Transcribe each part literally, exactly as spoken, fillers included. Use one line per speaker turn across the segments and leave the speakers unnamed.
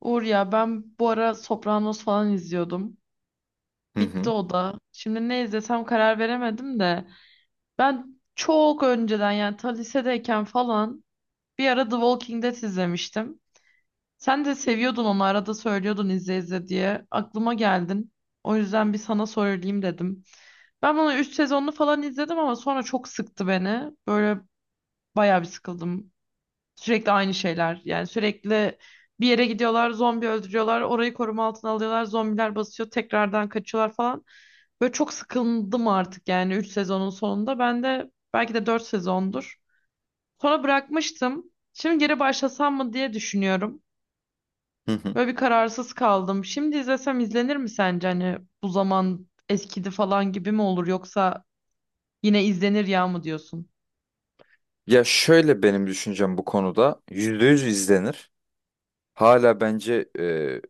Uğur ya ben bu ara Sopranos falan izliyordum.
Hı
Bitti
hı,
o da. Şimdi ne izlesem karar veremedim de. Ben çok önceden yani ta lisedeyken falan bir ara The Walking Dead izlemiştim. Sen de seviyordun onu arada söylüyordun izle izle diye. Aklıma geldin. O yüzden bir sana söyleyeyim dedim. Ben bunu üç sezonlu falan izledim ama sonra çok sıktı beni. Böyle bayağı bir sıkıldım. Sürekli aynı şeyler. Yani sürekli bir yere gidiyorlar, zombi öldürüyorlar, orayı koruma altına alıyorlar, zombiler basıyor, tekrardan kaçıyorlar falan. Böyle çok sıkıldım artık yani üç sezonun sonunda. Ben de belki de dört sezondur. Sonra bırakmıştım. Şimdi geri başlasam mı diye düşünüyorum.
hı hı.
Böyle bir kararsız kaldım. Şimdi izlesem izlenir mi sence? Hani bu zaman eskidi falan gibi mi olur yoksa yine izlenir ya mı diyorsun?
Ya şöyle benim düşüncem bu konuda yüzde yüz izlenir. Hala bence e,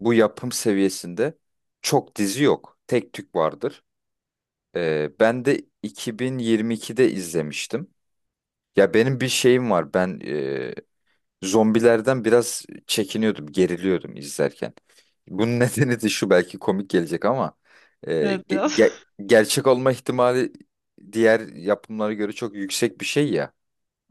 bu yapım seviyesinde çok dizi yok. Tek tük vardır. E, ben de iki bin yirmi ikide izlemiştim. Ya benim bir şeyim var. Ben e, zombilerden biraz çekiniyordum, geriliyordum izlerken. Bunun nedeni de şu, belki komik gelecek ama e,
Evet
ge-
biraz.
ge- gerçek olma ihtimali diğer yapımlara göre çok yüksek bir şey ya.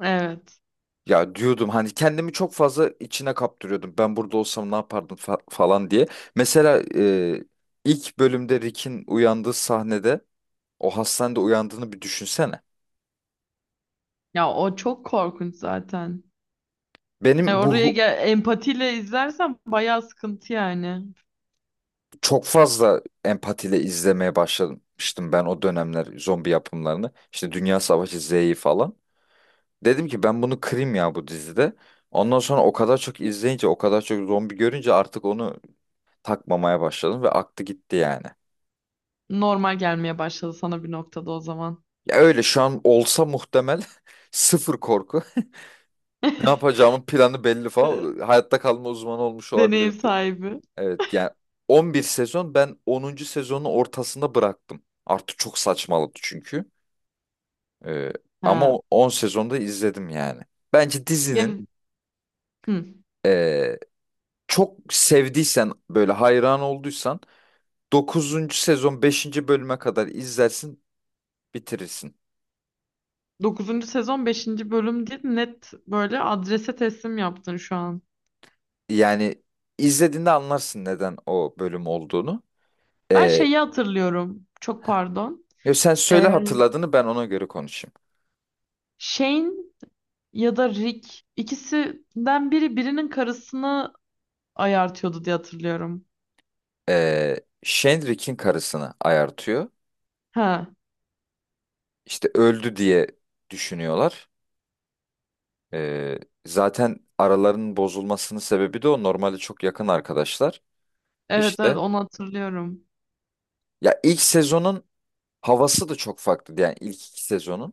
Evet.
Ya diyordum, hani kendimi çok fazla içine kaptırıyordum. Ben burada olsam ne yapardım fa- falan diye. Mesela e, ilk bölümde Rick'in uyandığı sahnede o hastanede uyandığını bir düşünsene.
Ya o çok korkunç zaten. Yani
Benim bu
oraya
hu-
gel empatiyle izlersen bayağı sıkıntı yani.
Çok fazla empatiyle izlemeye başlamıştım ben o dönemler zombi yapımlarını. İşte Dünya Savaşı Z'yi falan. Dedim ki ben bunu kırayım ya bu dizide. Ondan sonra o kadar çok izleyince, o kadar çok zombi görünce artık onu takmamaya başladım ve aktı gitti yani.
Normal gelmeye başladı sana bir noktada o zaman.
Ya öyle, şu an olsa muhtemel sıfır korku. Ne yapacağımın planı belli falan. Hayatta kalma uzmanı olmuş
Deneyim
olabilirim bir.
sahibi.
Evet yani on bir sezon, ben onuncu sezonun ortasında bıraktım. Artık çok saçmaladı çünkü. Ee, ama
Ha.
o- on sezonda izledim yani. Bence dizinin,
Yani, hı.
ee, çok sevdiysen, böyle hayran olduysan, dokuzuncu sezon beşinci bölüme kadar izlersin, bitirirsin.
dokuzuncu sezon beşinci bölüm değil net böyle adrese teslim yaptın şu an.
Yani izlediğinde anlarsın neden o bölüm olduğunu.
Ben
Ee,
şeyi hatırlıyorum. Çok pardon.
Yo, sen söyle
Ee,
hatırladığını, ben ona göre konuşayım.
Shane ya da Rick ikisinden biri birinin karısını ayartıyordu diye hatırlıyorum.
Ee, Shenrik'in karısını ayartıyor.
Ha.
İşte öldü diye düşünüyorlar. Ee, Zaten aralarının bozulmasının sebebi de o. Normalde çok yakın arkadaşlar.
Evet evet
İşte,
onu hatırlıyorum.
ya ilk sezonun havası da çok farklıydı. Yani ilk iki sezonun.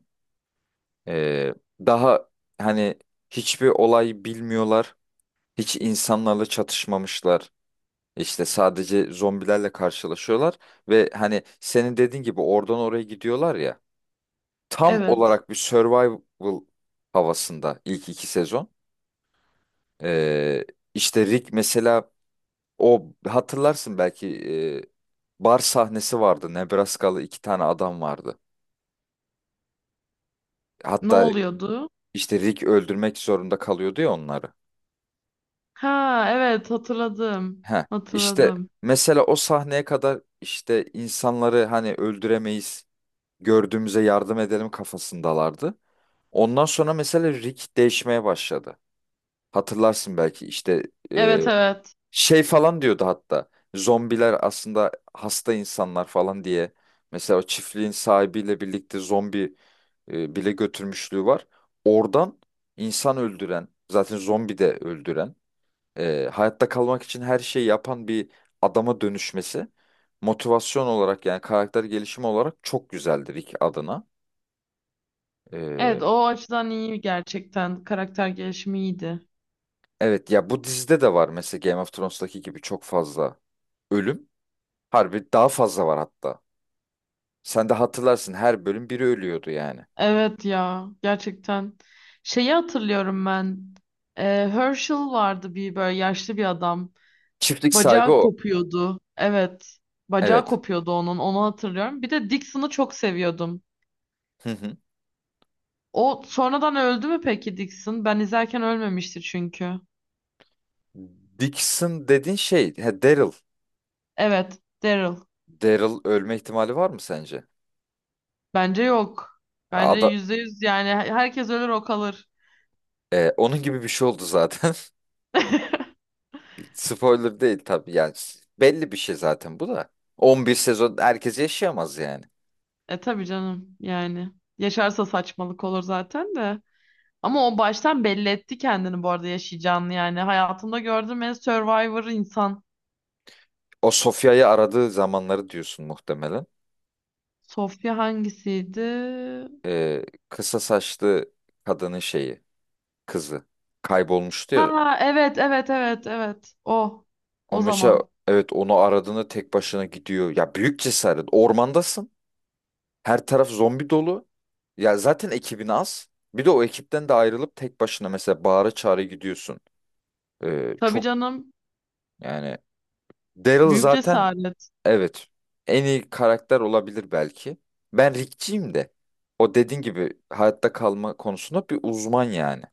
Ee, Daha hani hiçbir olay bilmiyorlar. Hiç insanlarla çatışmamışlar. İşte sadece zombilerle karşılaşıyorlar ve hani senin dediğin gibi oradan oraya gidiyorlar ya. Tam
Evet.
olarak bir survival havasında ilk iki sezon. Ee, işte Rick mesela, o hatırlarsın belki, e, bar sahnesi vardı. Nebraskalı iki tane adam vardı.
Ne
Hatta
oluyordu?
işte Rick öldürmek zorunda kalıyordu ya onları.
Ha evet hatırladım.
Heh. İşte
Hatırladım.
mesela o sahneye kadar işte insanları hani öldüremeyiz, gördüğümüze yardım edelim kafasındalardı. Ondan sonra mesela Rick değişmeye başladı. Hatırlarsın belki, işte e,
Evet evet.
şey falan diyordu hatta. Zombiler aslında hasta insanlar falan diye. Mesela o çiftliğin sahibiyle birlikte zombi e, bile götürmüşlüğü var. Oradan insan öldüren, zaten zombi de öldüren, e, hayatta kalmak için her şeyi yapan bir adama dönüşmesi, motivasyon olarak yani karakter gelişimi olarak çok güzeldi Rick adına. E,
Evet o açıdan iyi gerçekten. Karakter gelişimi iyiydi.
Evet ya, bu dizide de var mesela Game of Thrones'taki gibi çok fazla ölüm. Harbi daha fazla var hatta. Sen de hatırlarsın, her bölüm biri ölüyordu yani.
Evet ya gerçekten. Şeyi hatırlıyorum ben. Ee, Herschel vardı bir böyle yaşlı bir adam.
Çiftlik sahibi
Bacağı
o.
kopuyordu. Evet. Bacağı
Evet.
kopuyordu onun. Onu hatırlıyorum. Bir de Dixon'ı çok seviyordum.
Hı hı.
O sonradan öldü mü peki Dixon? Ben izlerken ölmemişti çünkü.
Dixon dediğin şey, he, Daryl.
Evet. Daryl.
Daryl ölme ihtimali var mı sence?
Bence yok. Bence
Ada,
yüzde yüz yani herkes ölür o kalır.
e, onun gibi bir şey oldu zaten. Spoiler değil tabii yani. Belli bir şey zaten bu da. on bir sezon herkes yaşayamaz yani.
E tabii canım yani. Yaşarsa saçmalık olur zaten de. Ama o baştan belli etti kendini bu arada yaşayacağını yani. Hayatımda gördüğüm en survivor insan.
O Sofya'yı aradığı zamanları diyorsun muhtemelen.
Sofya hangisiydi?
e, Kısa saçlı kadının şeyi, kızı kaybolmuştu ya.
Ha evet evet evet evet. O.
O
O
mesela,
zaman.
evet, onu aradığında tek başına gidiyor. Ya büyük cesaret. Ormandasın. Her taraf zombi dolu. Ya zaten ekibin az. Bir de o ekipten de ayrılıp tek başına mesela bağıra çağıra gidiyorsun. E,
Tabii
çok
canım.
yani, Daryl
Büyük
zaten,
cesaret.
evet, en iyi karakter olabilir belki. Ben Rick'ciyim de. O dediğin gibi hayatta kalma konusunda bir uzman yani.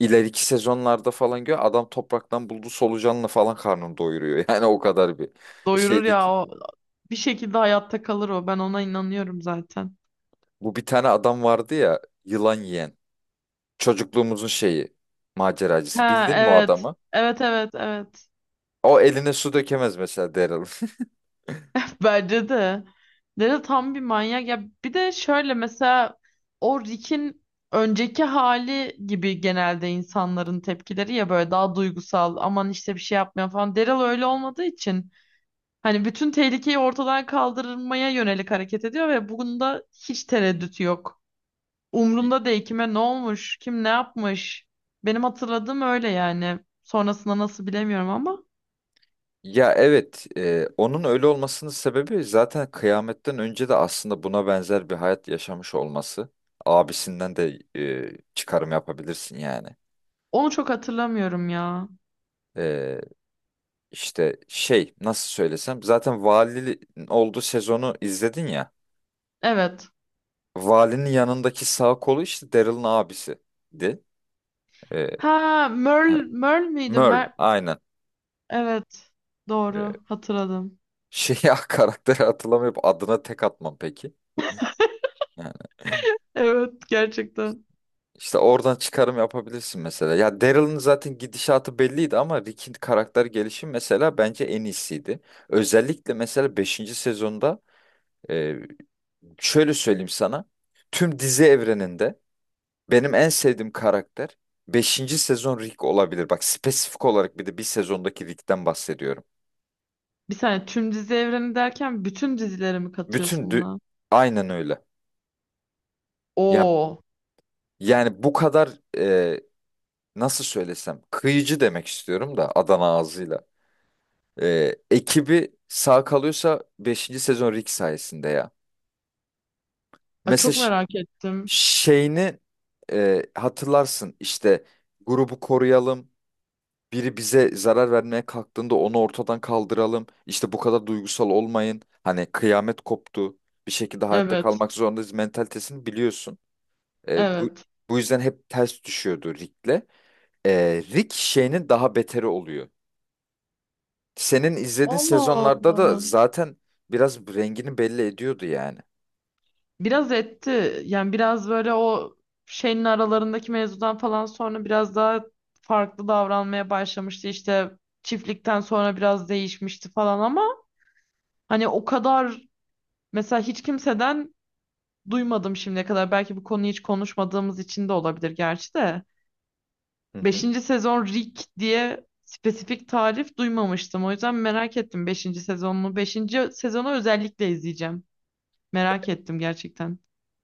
İleriki sezonlarda falan gör, adam topraktan bulduğu solucanla falan karnını doyuruyor. Yani o kadar bir
Doyurur ya
şeydeki.
o. Bir şekilde hayatta kalır o. Ben ona inanıyorum zaten.
Bu bir tane adam vardı ya yılan yiyen. Çocukluğumuzun şeyi, maceracısı.
Ha
Bildin mi o
evet.
adamı?
Evet evet evet.
O eline su dökemez mesela Daryl.
Bence de. Daryl tam bir manyak. Ya bir de şöyle mesela o Rick'in önceki hali gibi genelde insanların tepkileri ya böyle daha duygusal aman işte bir şey yapmıyor falan. Daryl öyle olmadığı için hani bütün tehlikeyi ortadan kaldırmaya yönelik hareket ediyor ve bunda hiç tereddüt yok. Umrunda değil kime ne olmuş, kim ne yapmış. Benim hatırladığım öyle yani. Sonrasında nasıl bilemiyorum ama
Ya evet, e, onun öyle olmasının sebebi zaten kıyametten önce de aslında buna benzer bir hayat yaşamış olması. Abisinden de e, çıkarım yapabilirsin yani.
onu çok hatırlamıyorum ya.
E, İşte şey, nasıl söylesem, zaten valinin olduğu sezonu izledin ya.
Evet.
Valinin yanındaki sağ kolu işte Daryl'ın abisiydi. Ee,
Ha,
he,
Merl, Merl miydi?
Merl
Mer
aynen.
evet.
Ee,
Doğru. Hatırladım.
Şey karakteri hatırlamayıp adına tek atmam peki. Yani
Evet, gerçekten.
işte oradan çıkarım yapabilirsin mesela. Ya Daryl'ın zaten gidişatı belliydi ama Rick'in karakter gelişimi mesela bence en iyisiydi. Özellikle mesela beşinci sezonda, e, şöyle söyleyeyim sana. Tüm dizi evreninde benim en sevdiğim karakter beşinci sezon Rick olabilir. Bak spesifik olarak bir de bir sezondaki Rick'ten bahsediyorum.
Bir saniye tüm dizi evreni derken bütün dizileri mi
Bütün
katıyorsun
dü-
buna?
aynen öyle. Ya
Oo.
yani bu kadar, e, nasıl söylesem, kıyıcı demek istiyorum da Adana ağzıyla. E, ekibi sağ kalıyorsa beşinci sezon Rick sayesinde ya.
Ay,
Mesela
çok
ş-
merak ettim.
şeyini e, hatırlarsın, işte grubu koruyalım, biri bize zarar vermeye kalktığında onu ortadan kaldıralım. İşte bu kadar duygusal olmayın. Hani kıyamet koptu. Bir şekilde hayatta
Evet.
kalmak zorundayız mentalitesini biliyorsun. E, bu
Evet.
bu yüzden hep ters düşüyordu Rick'le. E, Rick şeyinin daha beteri oluyor. Senin izlediğin
Allah
sezonlarda da
Allah.
zaten biraz rengini belli ediyordu yani.
Biraz etti. Yani biraz böyle o şeyin aralarındaki mevzudan falan sonra biraz daha farklı davranmaya başlamıştı. İşte çiftlikten sonra biraz değişmişti falan ama hani o kadar mesela hiç kimseden duymadım şimdiye kadar. Belki bu konuyu hiç konuşmadığımız için de olabilir gerçi de.
Hı hı.
Beşinci sezon Rick diye spesifik tarif duymamıştım. O yüzden merak ettim beşinci sezonunu. Beşinci sezonu özellikle izleyeceğim. Merak ettim gerçekten.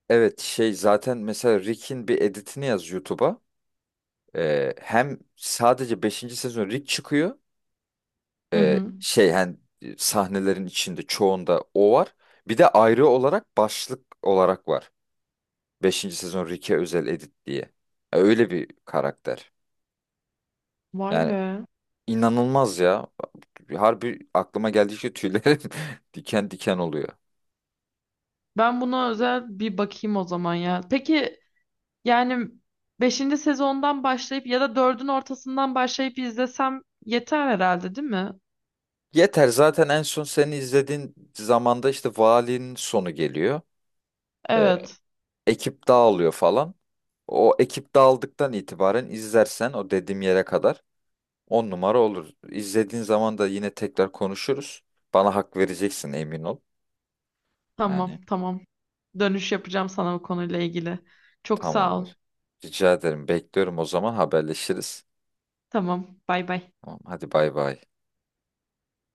Evet şey, zaten mesela Rick'in bir editini yaz YouTube'a. E, hem sadece beşinci sezon Rick çıkıyor.
Hı
e,
hı.
şey hani e, sahnelerin içinde çoğunda o var. Bir de ayrı olarak başlık olarak var. Beşinci sezon Ricky Özel Edit diye. Ya öyle bir karakter.
Vay
Yani
be.
inanılmaz ya. Harbi aklıma geldikçe tüylerim diken diken oluyor.
Ben buna özel bir bakayım o zaman ya. Peki yani beşinci sezondan başlayıp ya da dördün ortasından başlayıp izlesem yeter herhalde değil mi?
Yeter zaten, en son seni izlediğin zamanda işte valinin sonu geliyor. E,
Evet.
Ekip dağılıyor falan. O ekip dağıldıktan itibaren izlersen, o dediğim yere kadar on numara olur. İzlediğin zaman da yine tekrar konuşuruz. Bana hak vereceksin emin ol. Yani
Tamam, tamam. Dönüş yapacağım sana bu konuyla ilgili. Çok sağ ol.
tamamdır. Rica ederim. Bekliyorum, o zaman haberleşiriz.
Tamam, bay bay.
Tamam, hadi bay bay.